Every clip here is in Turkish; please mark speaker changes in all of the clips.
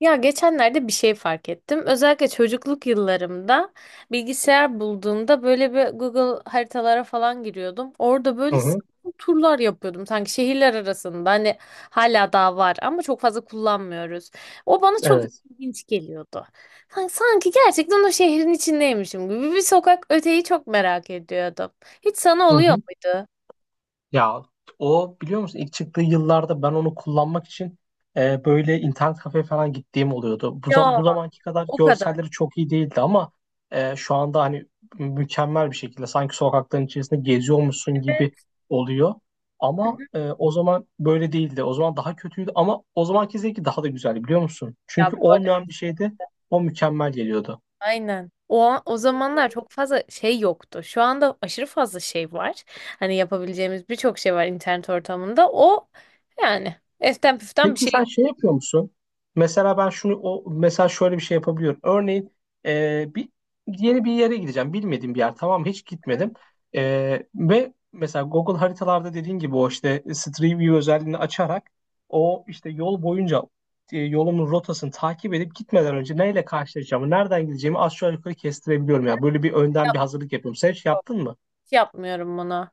Speaker 1: Ya geçenlerde bir şey fark ettim. Özellikle çocukluk yıllarımda bilgisayar bulduğumda böyle bir Google haritalara falan giriyordum. Orada
Speaker 2: Hı
Speaker 1: böyle
Speaker 2: hı,
Speaker 1: sapma turlar yapıyordum sanki şehirler arasında. Hani hala daha var ama çok fazla kullanmıyoruz. O bana çok
Speaker 2: evet.
Speaker 1: ilginç geliyordu. Hani sanki gerçekten o şehrin içindeymişim gibi bir sokak öteyi çok merak ediyordum. Hiç sana
Speaker 2: Hı
Speaker 1: oluyor
Speaker 2: hı.
Speaker 1: muydu?
Speaker 2: Ya o biliyor musun ilk çıktığı yıllarda ben onu kullanmak için böyle internet kafe falan gittiğim oluyordu.
Speaker 1: Ya
Speaker 2: Bu zamanki kadar
Speaker 1: o kadar.
Speaker 2: görselleri çok iyi değildi ama şu anda hani mükemmel bir şekilde sanki sokakların içerisinde geziyormuşsun gibi
Speaker 1: Evet.
Speaker 2: oluyor.
Speaker 1: Hı
Speaker 2: Ama
Speaker 1: hı.
Speaker 2: o zaman böyle değildi. O zaman daha kötüydü ama o zamanki zevki daha da güzeldi biliyor musun?
Speaker 1: Ya
Speaker 2: Çünkü
Speaker 1: bu arada
Speaker 2: olmayan bir şeyde o mükemmel geliyordu.
Speaker 1: aynen. O, o zamanlar çok fazla şey yoktu. Şu anda aşırı fazla şey var. Hani yapabileceğimiz birçok şey var internet ortamında. O yani eften püften bir
Speaker 2: Peki
Speaker 1: şey
Speaker 2: sen şey yapıyor musun? Mesela ben şunu o mesela şöyle bir şey yapabiliyorum. Örneğin e, bir yeni bir yere gideceğim. Bilmediğim bir yer. Tamam mı? Hiç gitmedim. E, Ve mesela Google haritalarda dediğin gibi o işte Street View özelliğini açarak o işte yol boyunca yolumun rotasını takip edip gitmeden önce neyle karşılaşacağımı, nereden gideceğimi aşağı yukarı kestirebiliyorum ya. Böyle bir önden bir
Speaker 1: yok.
Speaker 2: hazırlık yapıyorum. Sen hiç yaptın mı?
Speaker 1: Hiç yapmıyorum bunu.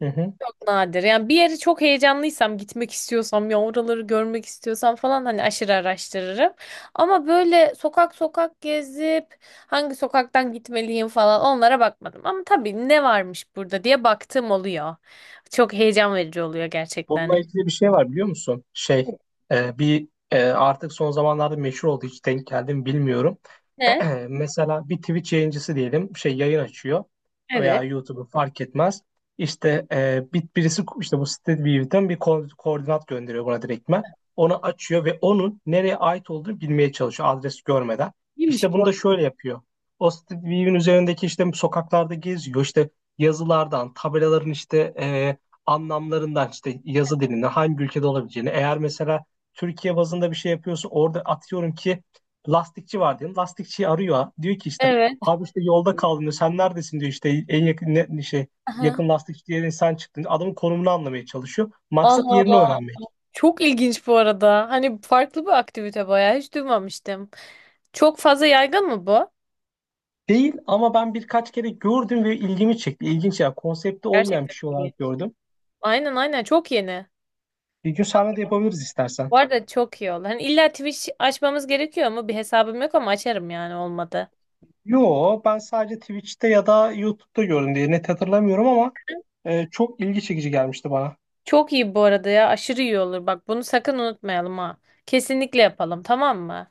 Speaker 2: Hı hı.
Speaker 1: Çok nadir. Yani bir yeri çok heyecanlıysam, gitmek istiyorsam, ya oraları görmek istiyorsam falan hani aşırı araştırırım. Ama böyle sokak sokak gezip hangi sokaktan gitmeliyim falan onlara bakmadım. Ama tabii ne varmış burada diye baktığım oluyor. Çok heyecan verici oluyor gerçekten.
Speaker 2: Bununla ilgili bir şey var biliyor musun? Artık son zamanlarda meşhur oldu hiç denk geldim bilmiyorum.
Speaker 1: Ne?
Speaker 2: Mesela bir Twitch yayıncısı diyelim şey yayın açıyor
Speaker 1: Evet.
Speaker 2: veya YouTube'u fark etmez. İşte birisi işte bu StreetView'den bir koordinat gönderiyor buna direktmen. Onu açıyor ve onun nereye ait olduğunu bilmeye çalışıyor adres görmeden.
Speaker 1: İyiymiş
Speaker 2: İşte bunu
Speaker 1: bu.
Speaker 2: da şöyle yapıyor. O StreetView'in üzerindeki işte sokaklarda geziyor işte yazılardan, tabelaların işte anlamlarından işte yazı dilinde hangi ülkede olabileceğini. Eğer mesela Türkiye bazında bir şey yapıyorsa orada atıyorum ki lastikçi var diyelim. Lastikçiyi arıyor. Diyor ki işte
Speaker 1: Evet.
Speaker 2: abi işte yolda kaldım diyor. Sen neredesin diyor işte en yakın ne, şey
Speaker 1: Aha.
Speaker 2: yakın lastikçi diye sen çıktın. Adamın konumunu anlamaya çalışıyor. Maksat
Speaker 1: Allah
Speaker 2: yerini
Speaker 1: Allah.
Speaker 2: öğrenmek.
Speaker 1: Çok ilginç bu arada. Hani farklı bir aktivite bayağı hiç duymamıştım. Çok fazla yaygın mı bu?
Speaker 2: Değil ama ben birkaç kere gördüm ve ilgimi çekti. İlginç ya. Konsepti olmayan
Speaker 1: Gerçekten
Speaker 2: bir şey
Speaker 1: ilginç.
Speaker 2: olarak gördüm.
Speaker 1: Aynen aynen, çok yeni.
Speaker 2: Bir gün sahne de yapabiliriz istersen.
Speaker 1: Bu arada çok iyi oldu. Hani illa Twitch açmamız gerekiyor mu? Bir hesabım yok ama açarım yani olmadı.
Speaker 2: Yo, ben sadece Twitch'te ya da YouTube'da gördüm diye net hatırlamıyorum ama çok ilgi çekici gelmişti bana.
Speaker 1: Çok iyi bu arada ya. Aşırı iyi olur. Bak bunu sakın unutmayalım ha. Kesinlikle yapalım, tamam mı?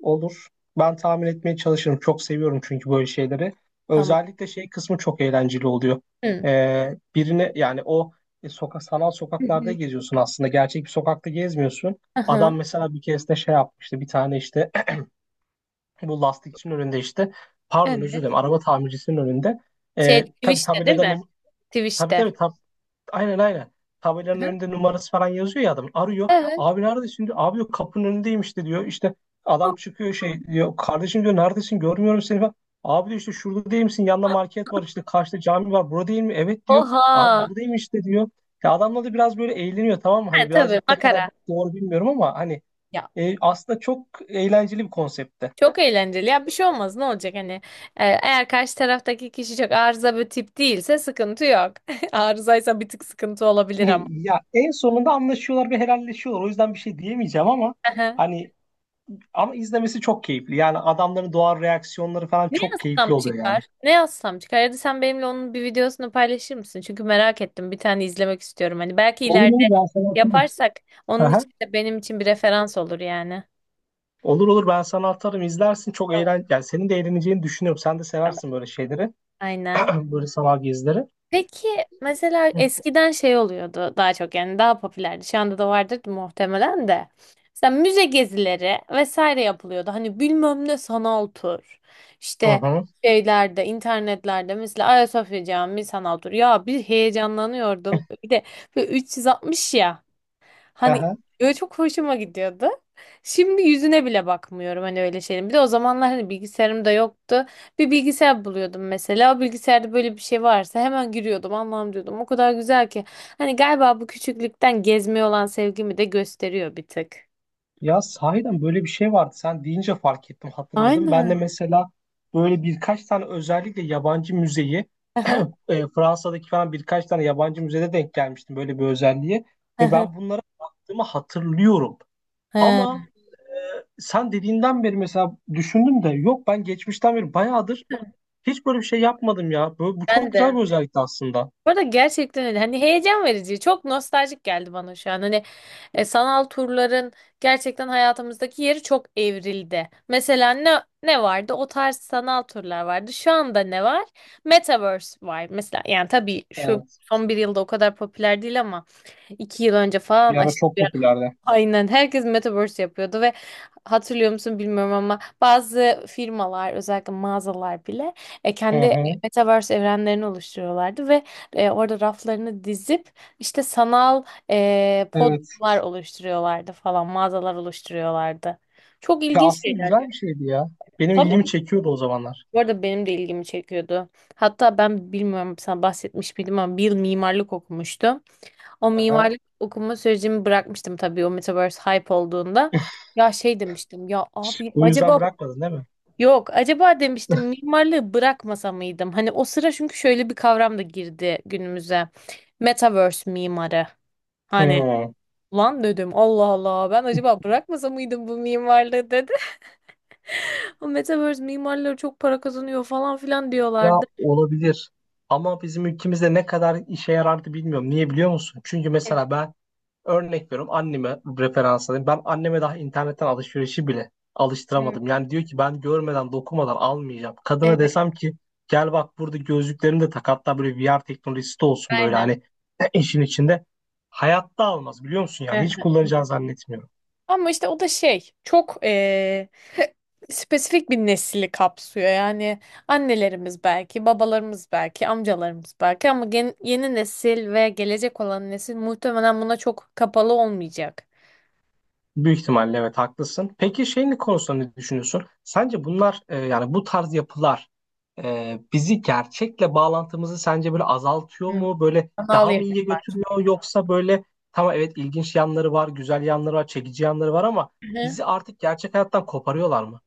Speaker 2: Olur. Ben tahmin etmeye çalışırım. Çok seviyorum çünkü böyle şeyleri.
Speaker 1: Tamam.
Speaker 2: Özellikle şey kısmı çok eğlenceli oluyor.
Speaker 1: Hı.
Speaker 2: E, birine yani o e, sokak sanal
Speaker 1: Hı
Speaker 2: sokaklarda
Speaker 1: hı.
Speaker 2: geziyorsun aslında. Gerçek bir sokakta gezmiyorsun.
Speaker 1: Aha.
Speaker 2: Adam mesela bir keresinde şey yapmıştı. Bir tane işte bu lastikçinin önünde işte pardon özür dilerim
Speaker 1: Evet.
Speaker 2: araba tamircisinin önünde.
Speaker 1: Şey
Speaker 2: Tabii
Speaker 1: Twitch'te değil mi?
Speaker 2: tabii
Speaker 1: Twitch'te.
Speaker 2: Aynen aynen. Tabelanın
Speaker 1: Aha.
Speaker 2: önünde numarası falan yazıyor ya adam. Arıyor.
Speaker 1: Evet.
Speaker 2: Abi neredesin diyor. Abi yok kapının önündeymiş de diyor. İşte adam çıkıyor şey diyor. Kardeşim diyor neredesin görmüyorum seni falan. Abi diyor işte şurada değil misin? Yanında market var işte karşıda cami var. Burada değil mi? Evet diyor. Abi
Speaker 1: Oha.
Speaker 2: buradayım işte diyor. Ya adamla da biraz böyle eğleniyor tamam mı?
Speaker 1: Ha,
Speaker 2: Hani
Speaker 1: tabii
Speaker 2: birazcık ne kadar
Speaker 1: makara.
Speaker 2: doğru bilmiyorum ama hani
Speaker 1: Ya
Speaker 2: aslında çok eğlenceli bir konseptte.
Speaker 1: çok eğlenceli. Ya bir şey olmaz. Ne olacak hani? Eğer karşı taraftaki kişi çok arıza bir tip değilse sıkıntı yok. Arızaysa bir tık sıkıntı olabilir ama.
Speaker 2: Ya en sonunda anlaşıyorlar ve helalleşiyorlar. O yüzden bir şey diyemeyeceğim ama
Speaker 1: Aha.
Speaker 2: hani ama izlemesi çok keyifli. Yani adamların doğal reaksiyonları falan
Speaker 1: Ne
Speaker 2: çok
Speaker 1: yazsam
Speaker 2: keyifli oluyor yani.
Speaker 1: çıkar? Ne yazsam çıkar? Ya da sen benimle onun bir videosunu paylaşır mısın? Çünkü merak ettim. Bir tane izlemek istiyorum. Hani belki
Speaker 2: Olur
Speaker 1: ileride
Speaker 2: olur ben sana atarım.
Speaker 1: yaparsak onun
Speaker 2: Aha.
Speaker 1: için de benim için bir referans olur yani.
Speaker 2: Olur olur ben sana atarım izlersin çok
Speaker 1: Tamam.
Speaker 2: eğlen yani senin de eğleneceğini düşünüyorum. Sen de
Speaker 1: Tamam.
Speaker 2: seversin böyle şeyleri.
Speaker 1: Aynen.
Speaker 2: Böyle sanal gezileri.
Speaker 1: Peki mesela
Speaker 2: Hı
Speaker 1: eskiden şey oluyordu daha çok, yani daha popülerdi. Şu anda da vardır muhtemelen de. Mesela müze gezileri vesaire yapılıyordu. Hani bilmem ne sanal tur. İşte
Speaker 2: hı.
Speaker 1: şeylerde, internetlerde mesela Ayasofya Camii sanal tur. Ya bir heyecanlanıyordum. Bir de böyle 360 ya. Hani
Speaker 2: Aha.
Speaker 1: böyle çok hoşuma gidiyordu. Şimdi yüzüne bile bakmıyorum hani öyle şeyin. Bir de o zamanlar hani bilgisayarım da yoktu. Bir bilgisayar buluyordum mesela. O bilgisayarda böyle bir şey varsa hemen giriyordum. Allah'ım diyordum. O kadar güzel ki. Hani galiba bu küçüklükten gezmeye olan sevgimi de gösteriyor bir tık.
Speaker 2: Ya sahiden böyle bir şey vardı. Sen deyince fark ettim, hatırladım. Ben de
Speaker 1: Aynen.
Speaker 2: mesela böyle birkaç tane özellikle yabancı müzeyi
Speaker 1: Aha,
Speaker 2: Fransa'daki falan birkaç tane yabancı müzede denk gelmiştim böyle bir özelliğe ve
Speaker 1: aha.
Speaker 2: ben bunlara baktığımı hatırlıyorum.
Speaker 1: He,
Speaker 2: Ama sen dediğinden beri mesela düşündüm de yok ben geçmişten beri bayağıdır hiç böyle bir şey yapmadım ya. Bu çok
Speaker 1: ben
Speaker 2: güzel
Speaker 1: de.
Speaker 2: bir özellikti aslında.
Speaker 1: Bu arada gerçekten öyle. Hani heyecan verici. Çok nostaljik geldi bana şu an. Hani sanal turların gerçekten hayatımızdaki yeri çok evrildi. Mesela ne ne vardı? O tarz sanal turlar vardı. Şu anda ne var? Metaverse var. Mesela yani tabii şu
Speaker 2: Evet.
Speaker 1: son bir yılda o kadar popüler değil ama iki yıl önce
Speaker 2: Bir
Speaker 1: falan
Speaker 2: ara
Speaker 1: aşırı
Speaker 2: çok
Speaker 1: bir
Speaker 2: popülerdi.
Speaker 1: aynen herkes metaverse yapıyordu ve hatırlıyor musun bilmiyorum ama bazı firmalar özellikle mağazalar bile
Speaker 2: Hı
Speaker 1: kendi
Speaker 2: hı.
Speaker 1: metaverse evrenlerini oluşturuyorlardı ve orada raflarını dizip işte sanal
Speaker 2: Evet.
Speaker 1: podlar oluşturuyorlardı falan, mağazalar oluşturuyorlardı. Çok
Speaker 2: Ya
Speaker 1: ilginç
Speaker 2: aslında
Speaker 1: şeyler
Speaker 2: güzel
Speaker 1: ya.
Speaker 2: bir şeydi ya. Benim ilgimi
Speaker 1: Tabii
Speaker 2: çekiyordu o zamanlar.
Speaker 1: bu arada benim de ilgimi çekiyordu. Hatta ben bilmiyorum sana bahsetmiş miydim ama bir yıl mimarlık okumuştum. O
Speaker 2: Aha.
Speaker 1: mimarlık okuma sürecimi bırakmıştım tabii o Metaverse hype olduğunda. Ya şey demiştim ya abi
Speaker 2: Bu yüzden
Speaker 1: acaba,
Speaker 2: bırakmadın değil mi?
Speaker 1: yok acaba demiştim mimarlığı bırakmasa mıydım? Hani o sıra çünkü şöyle bir kavram da girdi günümüze. Metaverse mimarı. Hani
Speaker 2: Hı.
Speaker 1: lan dedim Allah Allah ben acaba bırakmasa mıydım bu mimarlığı dedi. O Metaverse mimarları çok para kazanıyor falan filan
Speaker 2: Ya
Speaker 1: diyorlardı.
Speaker 2: olabilir. Ama bizim ülkemizde ne kadar işe yarardı bilmiyorum. Niye biliyor musun? Çünkü
Speaker 1: Evet,
Speaker 2: mesela ben örnek veriyorum anneme referans alayım. Ben anneme daha internetten alışverişi bile alıştıramadım. Yani diyor ki ben görmeden dokunmadan almayacağım.
Speaker 1: evet,
Speaker 2: Kadına desem ki gel bak burada gözlüklerini de tak hatta böyle VR teknolojisi de olsun böyle
Speaker 1: aynen.
Speaker 2: hani işin içinde. Hayatta almaz biliyor musun yani hiç kullanacağını zannetmiyorum.
Speaker 1: Ama işte o da şey çok spesifik bir nesli kapsıyor. Yani annelerimiz belki, babalarımız belki, amcalarımız belki ama yeni nesil ve gelecek olan nesil muhtemelen buna çok kapalı olmayacak.
Speaker 2: Büyük ihtimalle evet haklısın. Peki şeyin konusunda ne düşünüyorsun? Sence bunlar yani bu tarz yapılar bizi gerçekle bağlantımızı sence böyle azaltıyor
Speaker 1: Hı.
Speaker 2: mu? Böyle
Speaker 1: Anal
Speaker 2: daha mı iyiye götürüyor yoksa böyle tamam evet ilginç yanları var, güzel yanları var, çekici yanları var ama
Speaker 1: yemek.
Speaker 2: bizi artık gerçek hayattan koparıyorlar mı?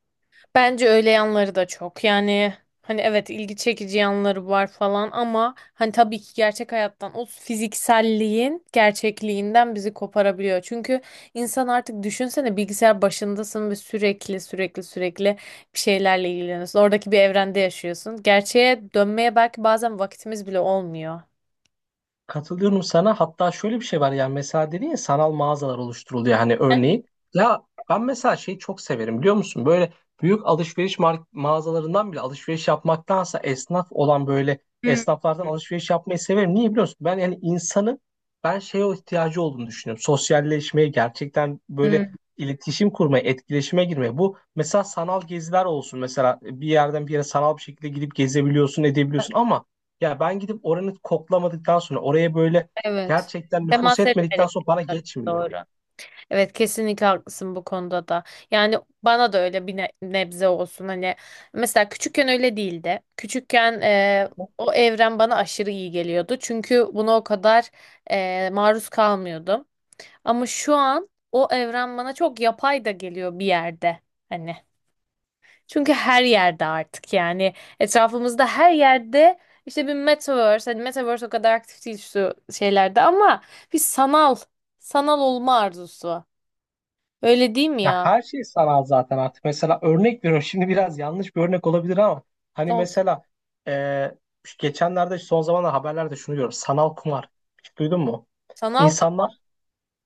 Speaker 1: Bence öyle yanları da çok. Yani hani evet ilgi çekici yanları var falan ama hani tabii ki gerçek hayattan o fizikselliğin gerçekliğinden bizi koparabiliyor. Çünkü insan artık düşünsene bilgisayar başındasın ve sürekli bir şeylerle ilgileniyorsun. Oradaki bir evrende yaşıyorsun. Gerçeğe dönmeye belki bazen vakitimiz bile olmuyor.
Speaker 2: Katılıyorum sana. Hatta şöyle bir şey var yani mesela dedin ya sanal mağazalar oluşturuluyor hani örneğin. Ya ben mesela şeyi çok severim biliyor musun? Böyle büyük alışveriş mağazalarından bile alışveriş yapmaktansa esnaf olan böyle
Speaker 1: Hmm,
Speaker 2: esnaflardan alışveriş yapmayı severim. Niye biliyor musun? Ben yani insanın ben şeye o ihtiyacı olduğunu düşünüyorum. Sosyalleşmeye gerçekten böyle iletişim kurmaya, etkileşime girmeye. Bu mesela sanal geziler olsun. Mesela bir yerden bir yere sanal bir şekilde gidip gezebiliyorsun, edebiliyorsun ama ya ben gidip oranı koklamadıktan sonra oraya böyle
Speaker 1: evet.
Speaker 2: gerçekten nüfus
Speaker 1: Temas etmedik.
Speaker 2: etmedikten sonra bana geçmiyor.
Speaker 1: Doğru. Evet kesinlikle haklısın bu konuda da. Yani bana da öyle bir nebze olsun, hani mesela küçükken öyle değildi. Küçükken o evren bana aşırı iyi geliyordu. Çünkü buna o kadar maruz kalmıyordum. Ama şu an o evren bana çok yapay da geliyor bir yerde hani. Çünkü her yerde artık yani etrafımızda her yerde işte bir metaverse, hani metaverse o kadar aktif değil şu şeylerde ama bir sanal, sanal olma arzusu. Öyle değil mi
Speaker 2: Ya
Speaker 1: ya?
Speaker 2: her şey sanal zaten artık. Mesela örnek veriyorum şimdi biraz yanlış bir örnek olabilir ama hani
Speaker 1: Olsun.
Speaker 2: mesela e, şu geçenlerde son zamanlarda haberlerde şunu görüyorum. Sanal kumar. Hiç duydun mu?
Speaker 1: Sanal kumar.
Speaker 2: İnsanlar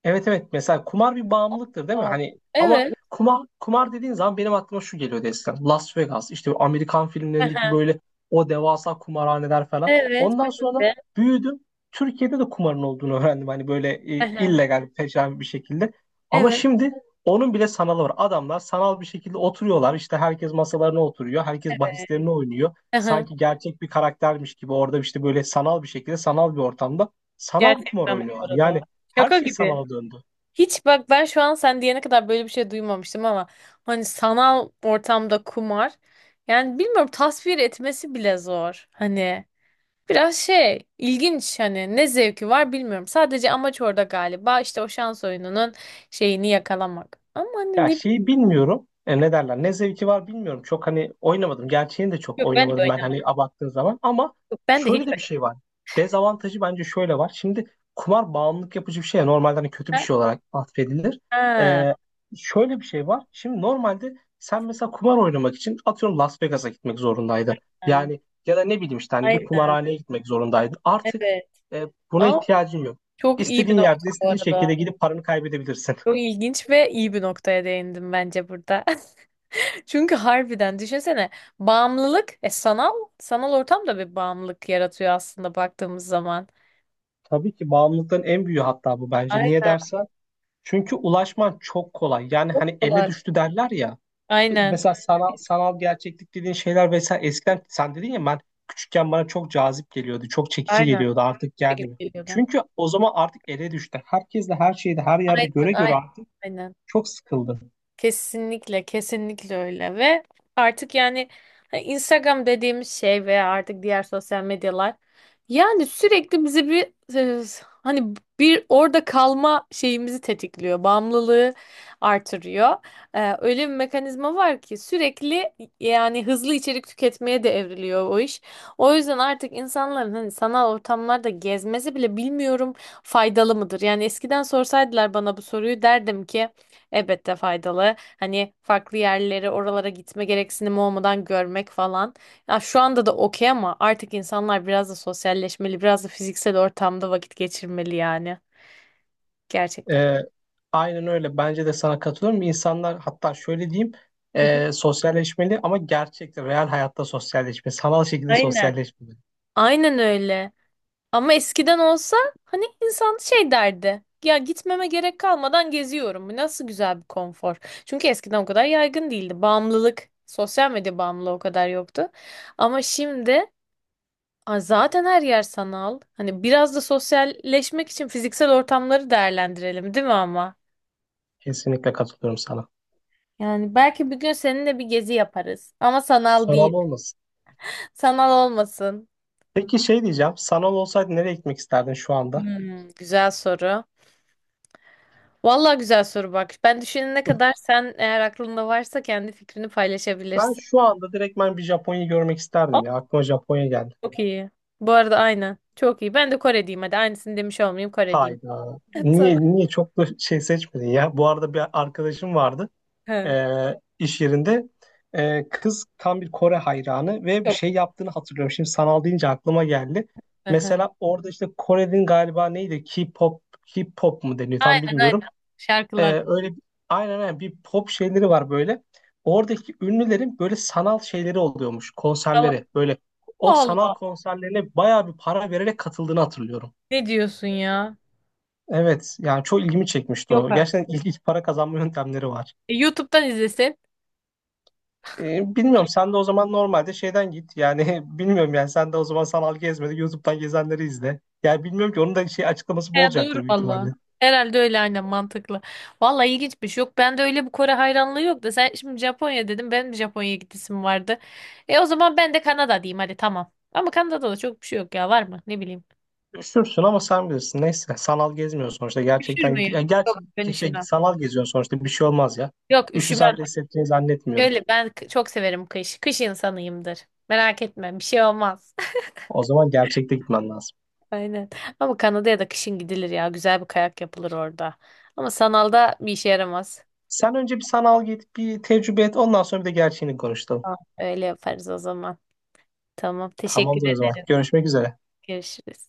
Speaker 2: evet evet mesela kumar bir bağımlılıktır değil mi?
Speaker 1: Aa,
Speaker 2: Hani ama
Speaker 1: evet.
Speaker 2: kumar kumar dediğin zaman benim aklıma şu geliyor Destan. Las Vegas işte bu Amerikan filmlerindeki
Speaker 1: Aha.
Speaker 2: böyle o devasa kumarhaneler falan.
Speaker 1: Evet.
Speaker 2: Ondan
Speaker 1: Ben
Speaker 2: sonra
Speaker 1: de.
Speaker 2: büyüdüm. Türkiye'de de kumarın olduğunu öğrendim. Hani böyle
Speaker 1: Aha.
Speaker 2: illegal peşin bir şekilde. Ama
Speaker 1: Evet.
Speaker 2: şimdi onun bile sanalı var. Adamlar sanal bir şekilde oturuyorlar. İşte herkes masalarına oturuyor. Herkes bahislerini oynuyor.
Speaker 1: Aha.
Speaker 2: Sanki gerçek bir karaktermiş gibi orada işte böyle sanal bir şekilde sanal bir ortamda sanal bir kumar
Speaker 1: Gerçekten bu
Speaker 2: oynuyorlar.
Speaker 1: arada.
Speaker 2: Yani her
Speaker 1: Şaka
Speaker 2: şey
Speaker 1: gibi.
Speaker 2: sanala döndü.
Speaker 1: Hiç bak ben şu an sen diyene kadar böyle bir şey duymamıştım ama hani sanal ortamda kumar, yani bilmiyorum tasvir etmesi bile zor. Hani biraz şey ilginç, hani ne zevki var bilmiyorum. Sadece amaç orada galiba işte o şans oyununun şeyini yakalamak. Ama hani
Speaker 2: Ya
Speaker 1: ne
Speaker 2: şeyi
Speaker 1: bileyim.
Speaker 2: bilmiyorum. Ne derler? Ne zevki var bilmiyorum. Çok hani oynamadım. Gerçeğini de çok
Speaker 1: Yok ben de
Speaker 2: oynamadım ben
Speaker 1: oynamam.
Speaker 2: hani abarttığın zaman. Ama
Speaker 1: Yok ben de hiç
Speaker 2: şöyle de bir şey var. Dezavantajı bence şöyle var. Şimdi kumar bağımlılık yapıcı bir şey ya, normalde hani kötü bir
Speaker 1: oynamam.
Speaker 2: şey olarak atfedilir.
Speaker 1: Ha.
Speaker 2: E, Şöyle bir şey var. Şimdi normalde sen mesela kumar oynamak için atıyorum Las Vegas'a gitmek zorundaydın.
Speaker 1: Ha.
Speaker 2: Yani ya da ne bileyim işte hani bir
Speaker 1: Aynen.
Speaker 2: kumarhaneye gitmek zorundaydın. Artık
Speaker 1: Evet.
Speaker 2: e, buna
Speaker 1: Ama
Speaker 2: ihtiyacın yok.
Speaker 1: çok iyi bir
Speaker 2: İstediğin
Speaker 1: nokta
Speaker 2: yerde,
Speaker 1: bu
Speaker 2: istediğin şekilde
Speaker 1: arada.
Speaker 2: gidip paranı kaybedebilirsin.
Speaker 1: Çok ilginç ve iyi bir noktaya değindim bence burada. Çünkü harbiden düşünsene bağımlılık sanal, sanal ortam da bir bağımlılık yaratıyor aslında baktığımız zaman.
Speaker 2: Tabii ki bağımlılıkların en büyüğü hatta bu bence. Niye
Speaker 1: Aynen.
Speaker 2: dersen? Çünkü ulaşman çok kolay. Yani
Speaker 1: Çok
Speaker 2: hani elle
Speaker 1: kolay.
Speaker 2: düştü derler ya.
Speaker 1: Aynen.
Speaker 2: Mesela sanal gerçeklik dediğin şeyler vesaire eskiden sen dedin ya ben küçükken bana çok cazip geliyordu. Çok çekici
Speaker 1: Aynen.
Speaker 2: geliyordu.
Speaker 1: Bu
Speaker 2: Artık
Speaker 1: şekilde
Speaker 2: gelmiyor.
Speaker 1: geliyordu.
Speaker 2: Çünkü o zaman artık ele düştü. Herkesle her şeyde her yerde
Speaker 1: Aynen.
Speaker 2: göre
Speaker 1: Aynen.
Speaker 2: göre artık
Speaker 1: Aynen.
Speaker 2: çok sıkıldım.
Speaker 1: Kesinlikle, kesinlikle öyle ve artık yani hani Instagram dediğimiz şey veya artık diğer sosyal medyalar yani sürekli bizi bir hani bir orada kalma şeyimizi tetikliyor, bağımlılığı artırıyor. Öyle bir mekanizma var ki sürekli yani hızlı içerik tüketmeye de evriliyor o iş. O yüzden artık insanların hani sanal ortamlarda gezmesi bile bilmiyorum faydalı mıdır? Yani eskiden sorsaydılar bana bu soruyu derdim ki elbette faydalı. Hani farklı yerleri oralara gitme gereksinimi olmadan görmek falan. Ya şu anda da okey ama artık insanlar biraz da sosyalleşmeli, biraz da fiziksel ortamda vakit geçirmeli yani. Gerçekten.
Speaker 2: Ee, aynen öyle. Bence de sana katılıyorum. İnsanlar hatta şöyle diyeyim.
Speaker 1: Hı hı.
Speaker 2: Sosyalleşmeli ama gerçekte, real hayatta sosyalleşme. Sanal şekilde
Speaker 1: Aynen.
Speaker 2: sosyalleşme.
Speaker 1: Aynen öyle. Ama eskiden olsa hani insan şey derdi. Ya gitmeme gerek kalmadan geziyorum. Bu nasıl güzel bir konfor. Çünkü eskiden o kadar yaygın değildi. Bağımlılık, sosyal medya bağımlılığı o kadar yoktu. Ama şimdi ay zaten her yer sanal. Hani biraz da sosyalleşmek için fiziksel ortamları değerlendirelim, değil mi ama?
Speaker 2: Kesinlikle katılıyorum sana.
Speaker 1: Yani belki bir gün seninle bir gezi yaparız. Ama sanal değil.
Speaker 2: Sanal olmasın.
Speaker 1: Sanal olmasın.
Speaker 2: Peki şey diyeceğim. Sanal olsaydı nereye gitmek isterdin şu anda?
Speaker 1: Hmm, güzel soru. Vallahi güzel soru bak. Ben düşünene kadar sen eğer aklında varsa kendi fikrini
Speaker 2: Ben
Speaker 1: paylaşabilirsin.
Speaker 2: şu anda direktmen bir Japonya'yı görmek
Speaker 1: Aa,
Speaker 2: isterdim ya. Aklıma Japonya geldi.
Speaker 1: çok iyi. Bu arada aynen. Çok iyi. Ben de Kore diyeyim hadi. Aynısını demiş olmayayım, Kore diyeyim.
Speaker 2: Hayda.
Speaker 1: Tamam.
Speaker 2: Niye niye çok da şey seçmedin ya? Bu arada bir arkadaşım vardı
Speaker 1: Hı.
Speaker 2: iş yerinde. Kız tam bir Kore hayranı ve bir
Speaker 1: Yok.
Speaker 2: şey yaptığını hatırlıyorum. Şimdi sanal deyince aklıma geldi.
Speaker 1: Hı hı.
Speaker 2: Mesela orada işte Kore'nin galiba neydi? K-pop, K-pop mu deniyor tam
Speaker 1: Aynen aynen.
Speaker 2: bilmiyorum.
Speaker 1: Şarkılar.
Speaker 2: Ee, öyle bir- aynen aynen bir pop şeyleri var böyle. Oradaki ünlülerin böyle sanal şeyleri oluyormuş
Speaker 1: Tamam.
Speaker 2: konserleri. Böyle o
Speaker 1: Allah
Speaker 2: sanal
Speaker 1: Allah.
Speaker 2: konserlerine bayağı bir para vererek katıldığını hatırlıyorum.
Speaker 1: Ne diyorsun ya?
Speaker 2: Evet yani çok ilgimi çekmişti
Speaker 1: Yok
Speaker 2: o.
Speaker 1: artık.
Speaker 2: Gerçekten ilginç para kazanma yöntemleri var.
Speaker 1: E, YouTube'dan izlesin.
Speaker 2: Bilmiyorum sen de o zaman normalde şeyden git. Yani bilmiyorum yani sen de o zaman sanal gezmedi. YouTube'dan gezenleri izle. Yani bilmiyorum ki onun da şey açıklaması bu
Speaker 1: He, doğru
Speaker 2: olacaktır büyük
Speaker 1: valla.
Speaker 2: ihtimalle.
Speaker 1: Herhalde öyle, aynen mantıklı. Valla ilginçmiş. Yok bende öyle bir Kore hayranlığı yok da sen şimdi Japonya dedim. Benim de Japonya'ya gidesim vardı. E o zaman ben de Kanada diyeyim hadi, tamam. Ama Kanada'da da çok bir şey yok ya, var mı? Ne bileyim.
Speaker 2: Üşürsün ama sen bilirsin. Neyse sanal gezmiyorsun sonuçta.
Speaker 1: Üşür
Speaker 2: Gerçekten gidip ya
Speaker 1: müyüm? Yok
Speaker 2: gerçi
Speaker 1: ben
Speaker 2: şey,
Speaker 1: üşümem.
Speaker 2: sanal geziyorsun sonuçta bir şey olmaz ya.
Speaker 1: Yok üşümem.
Speaker 2: Üşüsen de hissettiğini zannetmiyorum.
Speaker 1: Şöyle ben çok severim kış. Kış insanıyımdır. Merak etme bir şey olmaz.
Speaker 2: O zaman gerçekte gitmen lazım.
Speaker 1: Aynen. Ama Kanada'ya da kışın gidilir ya. Güzel bir kayak yapılır orada. Ama sanalda bir işe yaramaz.
Speaker 2: Sen önce bir sanal git, bir tecrübe et. Ondan sonra bir de gerçeğini konuşalım.
Speaker 1: Tamam, öyle yaparız o zaman. Tamam, teşekkür
Speaker 2: Tamamdır o zaman.
Speaker 1: ederim.
Speaker 2: Görüşmek üzere.
Speaker 1: Görüşürüz.